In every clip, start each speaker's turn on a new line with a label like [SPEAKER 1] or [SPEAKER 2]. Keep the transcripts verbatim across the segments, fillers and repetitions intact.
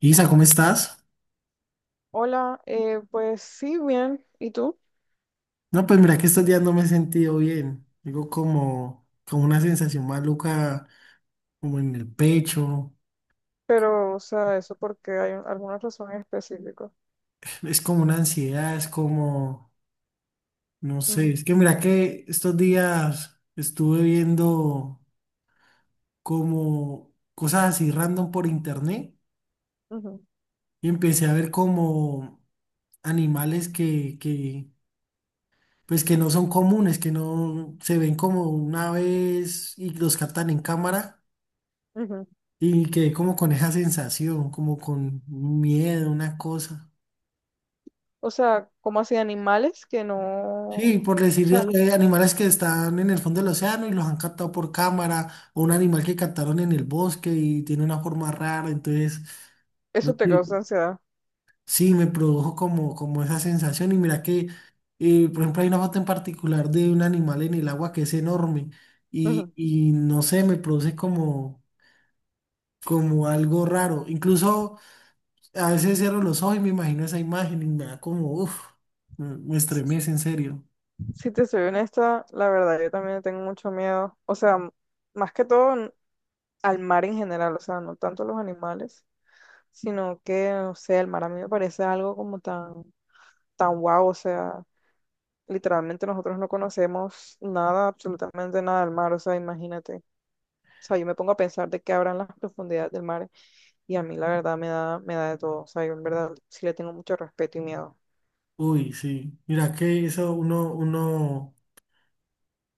[SPEAKER 1] Isa, ¿cómo estás?
[SPEAKER 2] Hola, eh, pues sí, bien, ¿y tú?
[SPEAKER 1] No, pues mira que estos días no me he sentido bien. Digo como, como una sensación maluca, como en el pecho.
[SPEAKER 2] Pero, o sea, eso porque hay un- alguna razón en específico.
[SPEAKER 1] Es como una ansiedad, es como, no sé,
[SPEAKER 2] Ujú,
[SPEAKER 1] es que mira que estos días estuve viendo como cosas así random por internet
[SPEAKER 2] ujú,
[SPEAKER 1] y empecé a ver como animales que, que, pues que no son comunes, que no se ven como una vez y los captan en cámara.
[SPEAKER 2] ujú.
[SPEAKER 1] Y quedé como con esa sensación, como con un miedo, una cosa.
[SPEAKER 2] O sea, como así animales que no.
[SPEAKER 1] Sí,
[SPEAKER 2] O
[SPEAKER 1] por decir
[SPEAKER 2] sea,
[SPEAKER 1] eh, animales que están en el fondo del océano y los han captado por cámara, o un animal que captaron en el bosque y tiene una forma rara. Entonces, no
[SPEAKER 2] eso te
[SPEAKER 1] sé,
[SPEAKER 2] causa ansiedad.
[SPEAKER 1] sí, me produjo como, como esa sensación. Y mira que, eh, por ejemplo, hay una foto en particular de un animal en el agua que es enorme y,
[SPEAKER 2] Ujú.
[SPEAKER 1] y no sé, me produce como, como algo raro. Incluso, a veces cierro los ojos y me imagino esa imagen y me da como, uff, me me
[SPEAKER 2] S-
[SPEAKER 1] estremece en serio.
[SPEAKER 2] Si te soy honesta, la verdad, yo también tengo mucho miedo. O sea, m- más que todo n- al mar en general, o sea, no tanto a los animales, sino que, o sea, el mar a mí me parece algo como tan, tan guau, o sea. Literalmente nosotros no conocemos nada, absolutamente nada del mar, o sea, imagínate. O sea, yo me pongo a pensar de qué habrán las profundidades del mar y a mí la verdad me da, me da de todo. O sea, yo en verdad sí le tengo mucho respeto y miedo.
[SPEAKER 1] Uy, sí. Mira que eso uno, uno,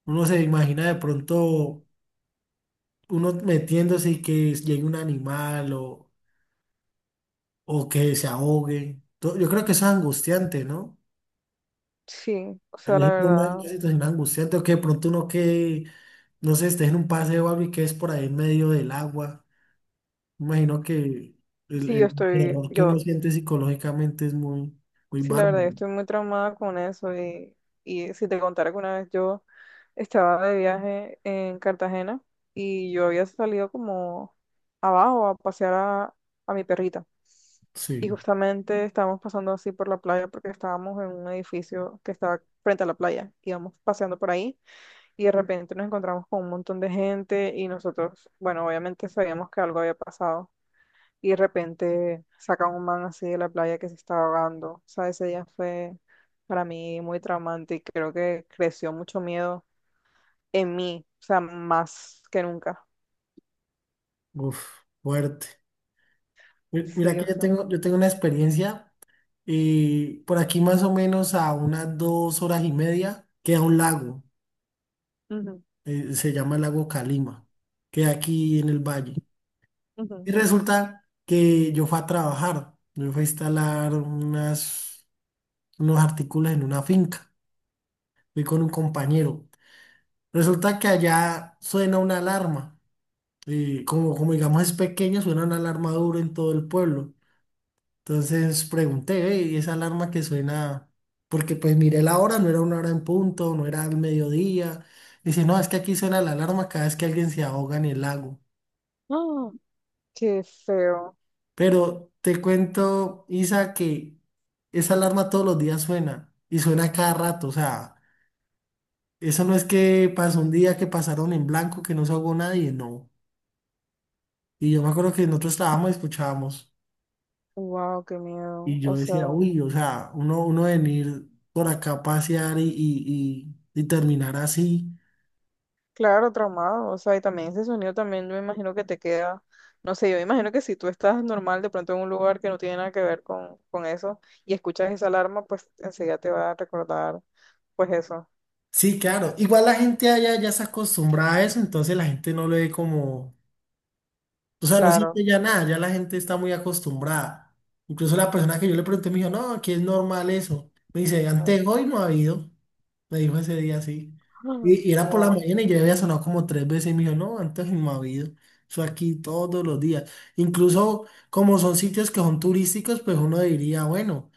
[SPEAKER 1] uno se imagina de pronto uno metiéndose y que llegue un animal o, o que se ahogue. To- Yo creo que eso es angustiante, ¿no?
[SPEAKER 2] Sí, o
[SPEAKER 1] Es
[SPEAKER 2] sea, la
[SPEAKER 1] una, una
[SPEAKER 2] verdad,
[SPEAKER 1] situación angustiante, o que de pronto uno que, no sé, esté en un paseo o algo y que es por ahí en medio del agua. Imagino que el,
[SPEAKER 2] sí, yo
[SPEAKER 1] el
[SPEAKER 2] estoy,
[SPEAKER 1] terror que uno
[SPEAKER 2] yo,
[SPEAKER 1] siente psicológicamente es muy, muy
[SPEAKER 2] sí, la verdad,
[SPEAKER 1] bárbaro.
[SPEAKER 2] yo estoy muy traumada con eso y, y si te contara que una vez yo estaba de viaje en Cartagena y yo había salido como abajo a pasear a, a mi perrita.
[SPEAKER 1] Sí,
[SPEAKER 2] Y justamente estábamos pasando así por la playa porque estábamos en un edificio que estaba frente a la playa. Íbamos paseando por ahí y de repente nos encontramos con un montón de gente y nosotros, bueno, obviamente sabíamos que algo había pasado. Y de repente sacan un man así de la playa que se estaba ahogando. O sea, ese día fue para mí muy traumante y creo que creció mucho miedo en mí, o sea, más que nunca.
[SPEAKER 1] uf, fuerte. Mi- Mira
[SPEAKER 2] Sí,
[SPEAKER 1] que
[SPEAKER 2] o
[SPEAKER 1] yo
[SPEAKER 2] sea.
[SPEAKER 1] tengo, yo tengo una experiencia. Eh, por aquí más o menos a unas dos horas y media queda un lago.
[SPEAKER 2] Ujú,
[SPEAKER 1] Eh, se llama el lago Calima, queda aquí en el Valle. Y
[SPEAKER 2] ujú.
[SPEAKER 1] resulta que yo fui a trabajar, yo fui a instalar unas, unos artículos en una finca. Fui con un compañero. Resulta que allá suena una alarma. Eh, como, como digamos es pequeño, suena una alarma duro en todo el pueblo. Entonces pregunté: "Ve, ¿y esa alarma que suena?". Porque pues miré la hora, no era una hora en punto, no era al mediodía. Dice: "No, es que aquí suena la alarma cada vez que alguien se ahoga en el lago".
[SPEAKER 2] ¡Ah! Qué feo.
[SPEAKER 1] Pero te cuento, Isa, que esa alarma todos los días suena, y suena a cada rato. O sea, eso no es que pasó un día que pasaron en blanco, que no se ahogó nadie, no. Y yo me acuerdo que nosotros estábamos y escuchábamos.
[SPEAKER 2] Wow, qué miedo.
[SPEAKER 1] Y yo
[SPEAKER 2] O
[SPEAKER 1] decía:
[SPEAKER 2] sea.
[SPEAKER 1] "Uy, o sea, uno, uno venir por acá a pasear y, y, y- y terminar así".
[SPEAKER 2] Claro, traumado, o sea, y también ese sonido también yo me imagino que te queda, no sé, yo me imagino que si tú estás normal de pronto en un lugar que no tiene nada que ver con, con eso y escuchas esa alarma, pues enseguida te va a recordar, pues eso,
[SPEAKER 1] Sí, claro. Igual la gente allá ya se acostumbrada a eso, entonces la gente no lo ve como... O sea, no
[SPEAKER 2] claro.
[SPEAKER 1] siente ya nada, ya la gente está muy acostumbrada. Incluso la persona que yo le pregunté me dijo: "No, aquí es normal eso". Me dice: "Antes hoy no ha habido". Me dijo ese día así. Y, y era por la
[SPEAKER 2] Wow.
[SPEAKER 1] mañana y yo había sonado como tres veces y me dijo: "No, antes no ha habido. Eso aquí todos los días". Incluso como son sitios que son turísticos, pues uno diría, bueno,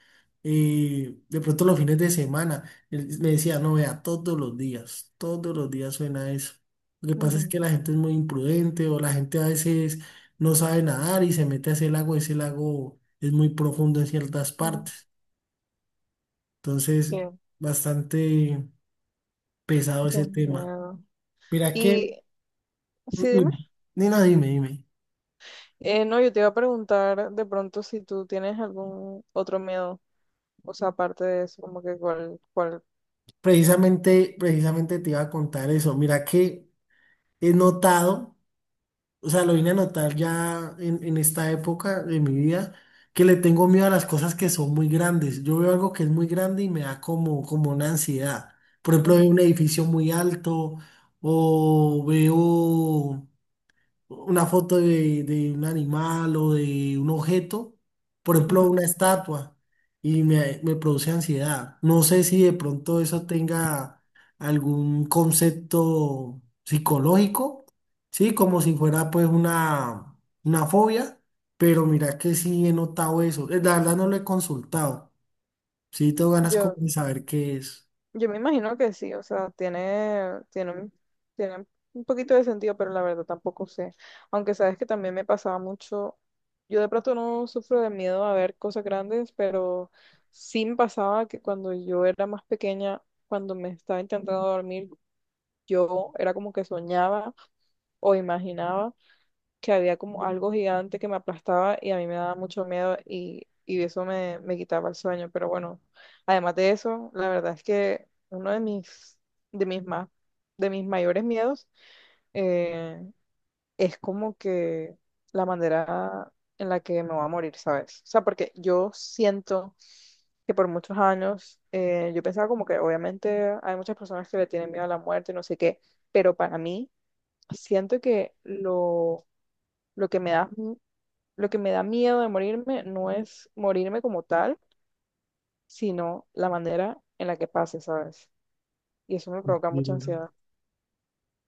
[SPEAKER 1] eh, de pronto los fines de semana. Él me decía: "No, vea, todos los días, todos los días suena eso. Lo que pasa es que la gente es muy imprudente, o la gente a veces no sabe nadar y se mete a ese lago. Ese lago es muy profundo en ciertas partes". Entonces,
[SPEAKER 2] Qué,
[SPEAKER 1] bastante pesado
[SPEAKER 2] qué
[SPEAKER 1] ese tema.
[SPEAKER 2] miedo.
[SPEAKER 1] Mira
[SPEAKER 2] Y
[SPEAKER 1] que,
[SPEAKER 2] sí, dime,
[SPEAKER 1] Nina, dime, dime.
[SPEAKER 2] eh, no, yo te iba a preguntar de pronto si tú tienes algún otro miedo, o sea, aparte de eso, como que cuál, cuál.
[SPEAKER 1] Precisamente, precisamente te iba a contar eso. Mira que he notado, o sea, lo vine a notar ya en, en esta época de mi vida, que le tengo miedo a las cosas que son muy grandes. Yo veo algo que es muy grande y me da como, como una ansiedad. Por ejemplo, veo un edificio muy alto, o veo una foto de, de un animal o de un objeto, por
[SPEAKER 2] Ujú,
[SPEAKER 1] ejemplo,
[SPEAKER 2] ujú.
[SPEAKER 1] una estatua, y me, me produce ansiedad. No sé si de pronto eso tenga algún concepto psicológico, ¿sí? Como si fuera pues una, una fobia, pero mira que sí he notado eso. Eh, La verdad no lo he consultado. Sí, tengo ganas como
[SPEAKER 2] Yo,
[SPEAKER 1] de saber qué es.
[SPEAKER 2] Yo me imagino que sí, o sea, tiene, tiene, un- tiene un poquito de sentido, pero la verdad tampoco sé. Aunque sabes que también me pasaba mucho, yo de pronto no sufro de miedo a ver cosas grandes, pero sí me pasaba que cuando yo era más pequeña, cuando me estaba intentando dormir, yo era como que soñaba o imaginaba que había como algo gigante que me aplastaba y a mí me daba mucho miedo y, y eso me, me quitaba el sueño. Pero bueno, además de eso, la verdad es que uno de mis, de mis más, de mis mayores miedos eh, es como que la manera en la que me voy a morir, ¿sabes? O sea, porque yo siento que por muchos años eh, yo pensaba como que obviamente hay muchas personas que le tienen miedo a la muerte, no sé qué, pero para mí siento que lo, lo que me da lo que me da miedo de morirme no es morirme como tal, sino la manera en la que pase, ¿sabes? Y eso me provoca mucha
[SPEAKER 1] Bien.
[SPEAKER 2] ansiedad.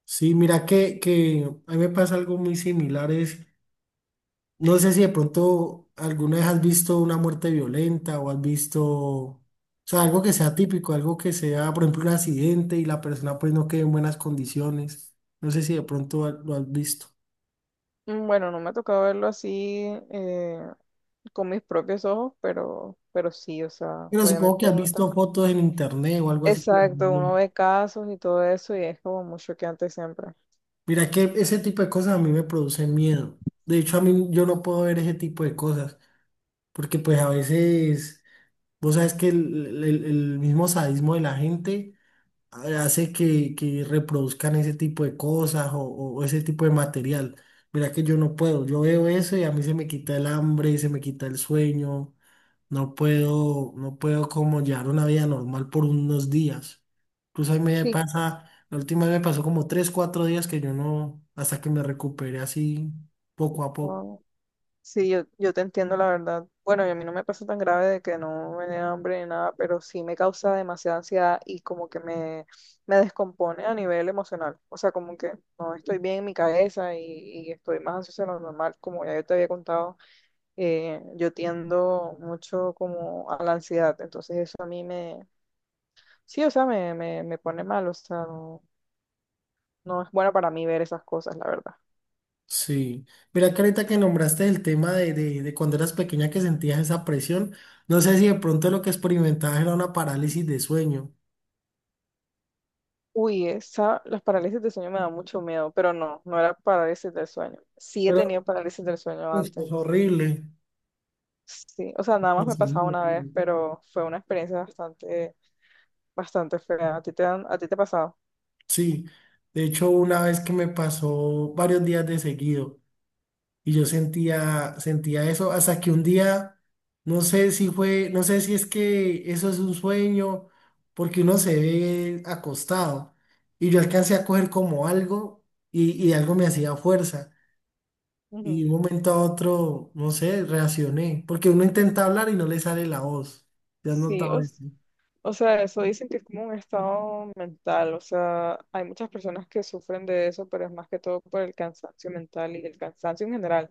[SPEAKER 1] Sí, mira que, que a mí me pasa algo muy similar. No sé si de pronto alguna vez has visto una muerte violenta, o has visto, o sea, algo que sea típico, algo que sea, por ejemplo, un accidente y la persona pues no quede en buenas condiciones. No sé si de pronto ha- lo has visto.
[SPEAKER 2] Mm, Bueno, no me ha tocado verlo así eh, con mis propios ojos, pero, pero sí, o sea,
[SPEAKER 1] Pero supongo que
[SPEAKER 2] obviamente
[SPEAKER 1] has
[SPEAKER 2] uno está.
[SPEAKER 1] visto fotos en internet o algo así, claro,
[SPEAKER 2] Exacto,
[SPEAKER 1] ¿no?
[SPEAKER 2] uno ve casos y todo eso y es como mucho que antes siempre.
[SPEAKER 1] Mira que ese tipo de cosas a mí me producen miedo. De hecho, a mí, yo no puedo ver ese tipo de cosas, porque pues a veces, vos sabes que el, el el- el mismo sadismo de la gente hace que, que reproduzcan ese tipo de cosas, o, o ese tipo de material. Mira que yo no puedo, yo veo eso y a mí se me quita el hambre, se me quita el sueño, no puedo, no puedo como llevar una vida normal por unos días. Incluso ahí me
[SPEAKER 2] Sí,
[SPEAKER 1] pasa, la última vez me pasó como tres, cuatro días que yo no, hasta que me recuperé así poco a poco.
[SPEAKER 2] sí, yo, yo te entiendo la verdad. Bueno, y a mí no me pasa tan grave de que no me dé hambre ni nada, pero sí me causa demasiada ansiedad y como que me, me descompone a nivel emocional. O sea, como que no estoy bien en mi cabeza y, y estoy más ansiosa de lo normal. Como ya yo te había contado, eh, yo tiendo mucho como a la ansiedad. Entonces eso a mí me, sí, o sea, me, me, me pone mal. O sea, no, no es bueno para mí ver esas cosas, la verdad.
[SPEAKER 1] Sí, mira que ahorita que nombraste el tema de, de, de cuando eras pequeña que sentías esa presión, no sé si de pronto lo que experimentabas era una parálisis de sueño,
[SPEAKER 2] Uy, esa, las parálisis del sueño me dan mucho miedo, pero no, no era parálisis del sueño. Sí he
[SPEAKER 1] pero
[SPEAKER 2] tenido parálisis del sueño
[SPEAKER 1] pues es
[SPEAKER 2] antes.
[SPEAKER 1] horrible,
[SPEAKER 2] Sí, o sea, nada más me
[SPEAKER 1] es muy
[SPEAKER 2] pasaba una vez,
[SPEAKER 1] horrible.
[SPEAKER 2] pero fue una experiencia bastante, bastante fea. ¿A ti te han, a ti te ha pasado?
[SPEAKER 1] Sí, de hecho, una vez que me pasó varios días de seguido. Y yo sentía, sentía eso hasta que un día, no sé si fue, no sé si es que eso es un sueño, porque uno se ve acostado. Y yo alcancé a coger como algo y, y algo me hacía fuerza. Y de
[SPEAKER 2] Ujú.
[SPEAKER 1] un momento a otro, no sé, reaccioné, porque uno intenta hablar y no le sale la voz. ¿Te has
[SPEAKER 2] Sí,
[SPEAKER 1] notado
[SPEAKER 2] o,
[SPEAKER 1] eso?
[SPEAKER 2] s- o sea, eso dicen que es como un estado mental, o sea, hay muchas personas que sufren de eso, pero es más que todo por el cansancio mental y el cansancio en general.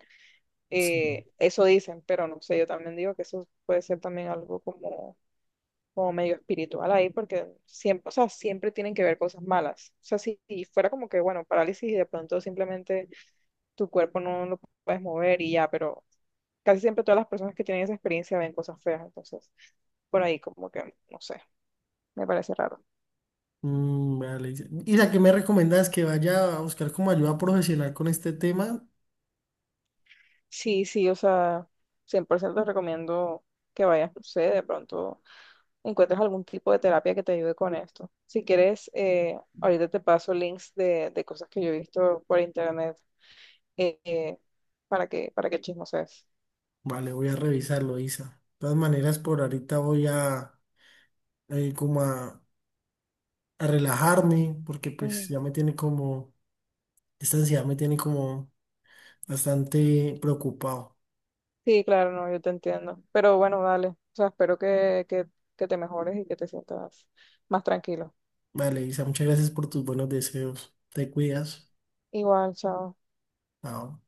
[SPEAKER 1] Sí.
[SPEAKER 2] Eh, eso dicen, pero no sé, yo también digo que eso puede ser también algo como como medio espiritual ahí, porque siempre, o sea, siempre tienen que ver cosas malas. O sea, si, si fuera como que, bueno, parálisis y de pronto simplemente tu cuerpo no lo puedes mover y ya, pero casi siempre todas las personas que tienen esa experiencia ven cosas feas, entonces por ahí como que, no sé, me parece raro.
[SPEAKER 1] Mm, vale. ¿Y a qué me recomiendas que vaya a buscar como ayuda profesional con este tema?
[SPEAKER 2] Sí, sí, o sea, cien por ciento te recomiendo que vayas, no sé, de pronto encuentres algún tipo de terapia que te ayude con esto. Si quieres, eh, ahorita te paso links de, de cosas que yo he visto por internet eh, eh, para que, para que chismosees.
[SPEAKER 1] Vale, voy a revisarlo, Isa. De todas maneras, por ahorita voy a eh, como a, a relajarme, porque pues
[SPEAKER 2] Ujú.
[SPEAKER 1] ya me tiene como, esta ansiedad me tiene como bastante preocupado.
[SPEAKER 2] Sí, claro, no, yo te entiendo. Pero bueno, dale. O sea, espero que, que, que, te mejores y que te sientas más tranquilo.
[SPEAKER 1] Vale, Isa, muchas gracias por tus buenos deseos. Te cuidas.
[SPEAKER 2] Igual, chao.
[SPEAKER 1] Chao.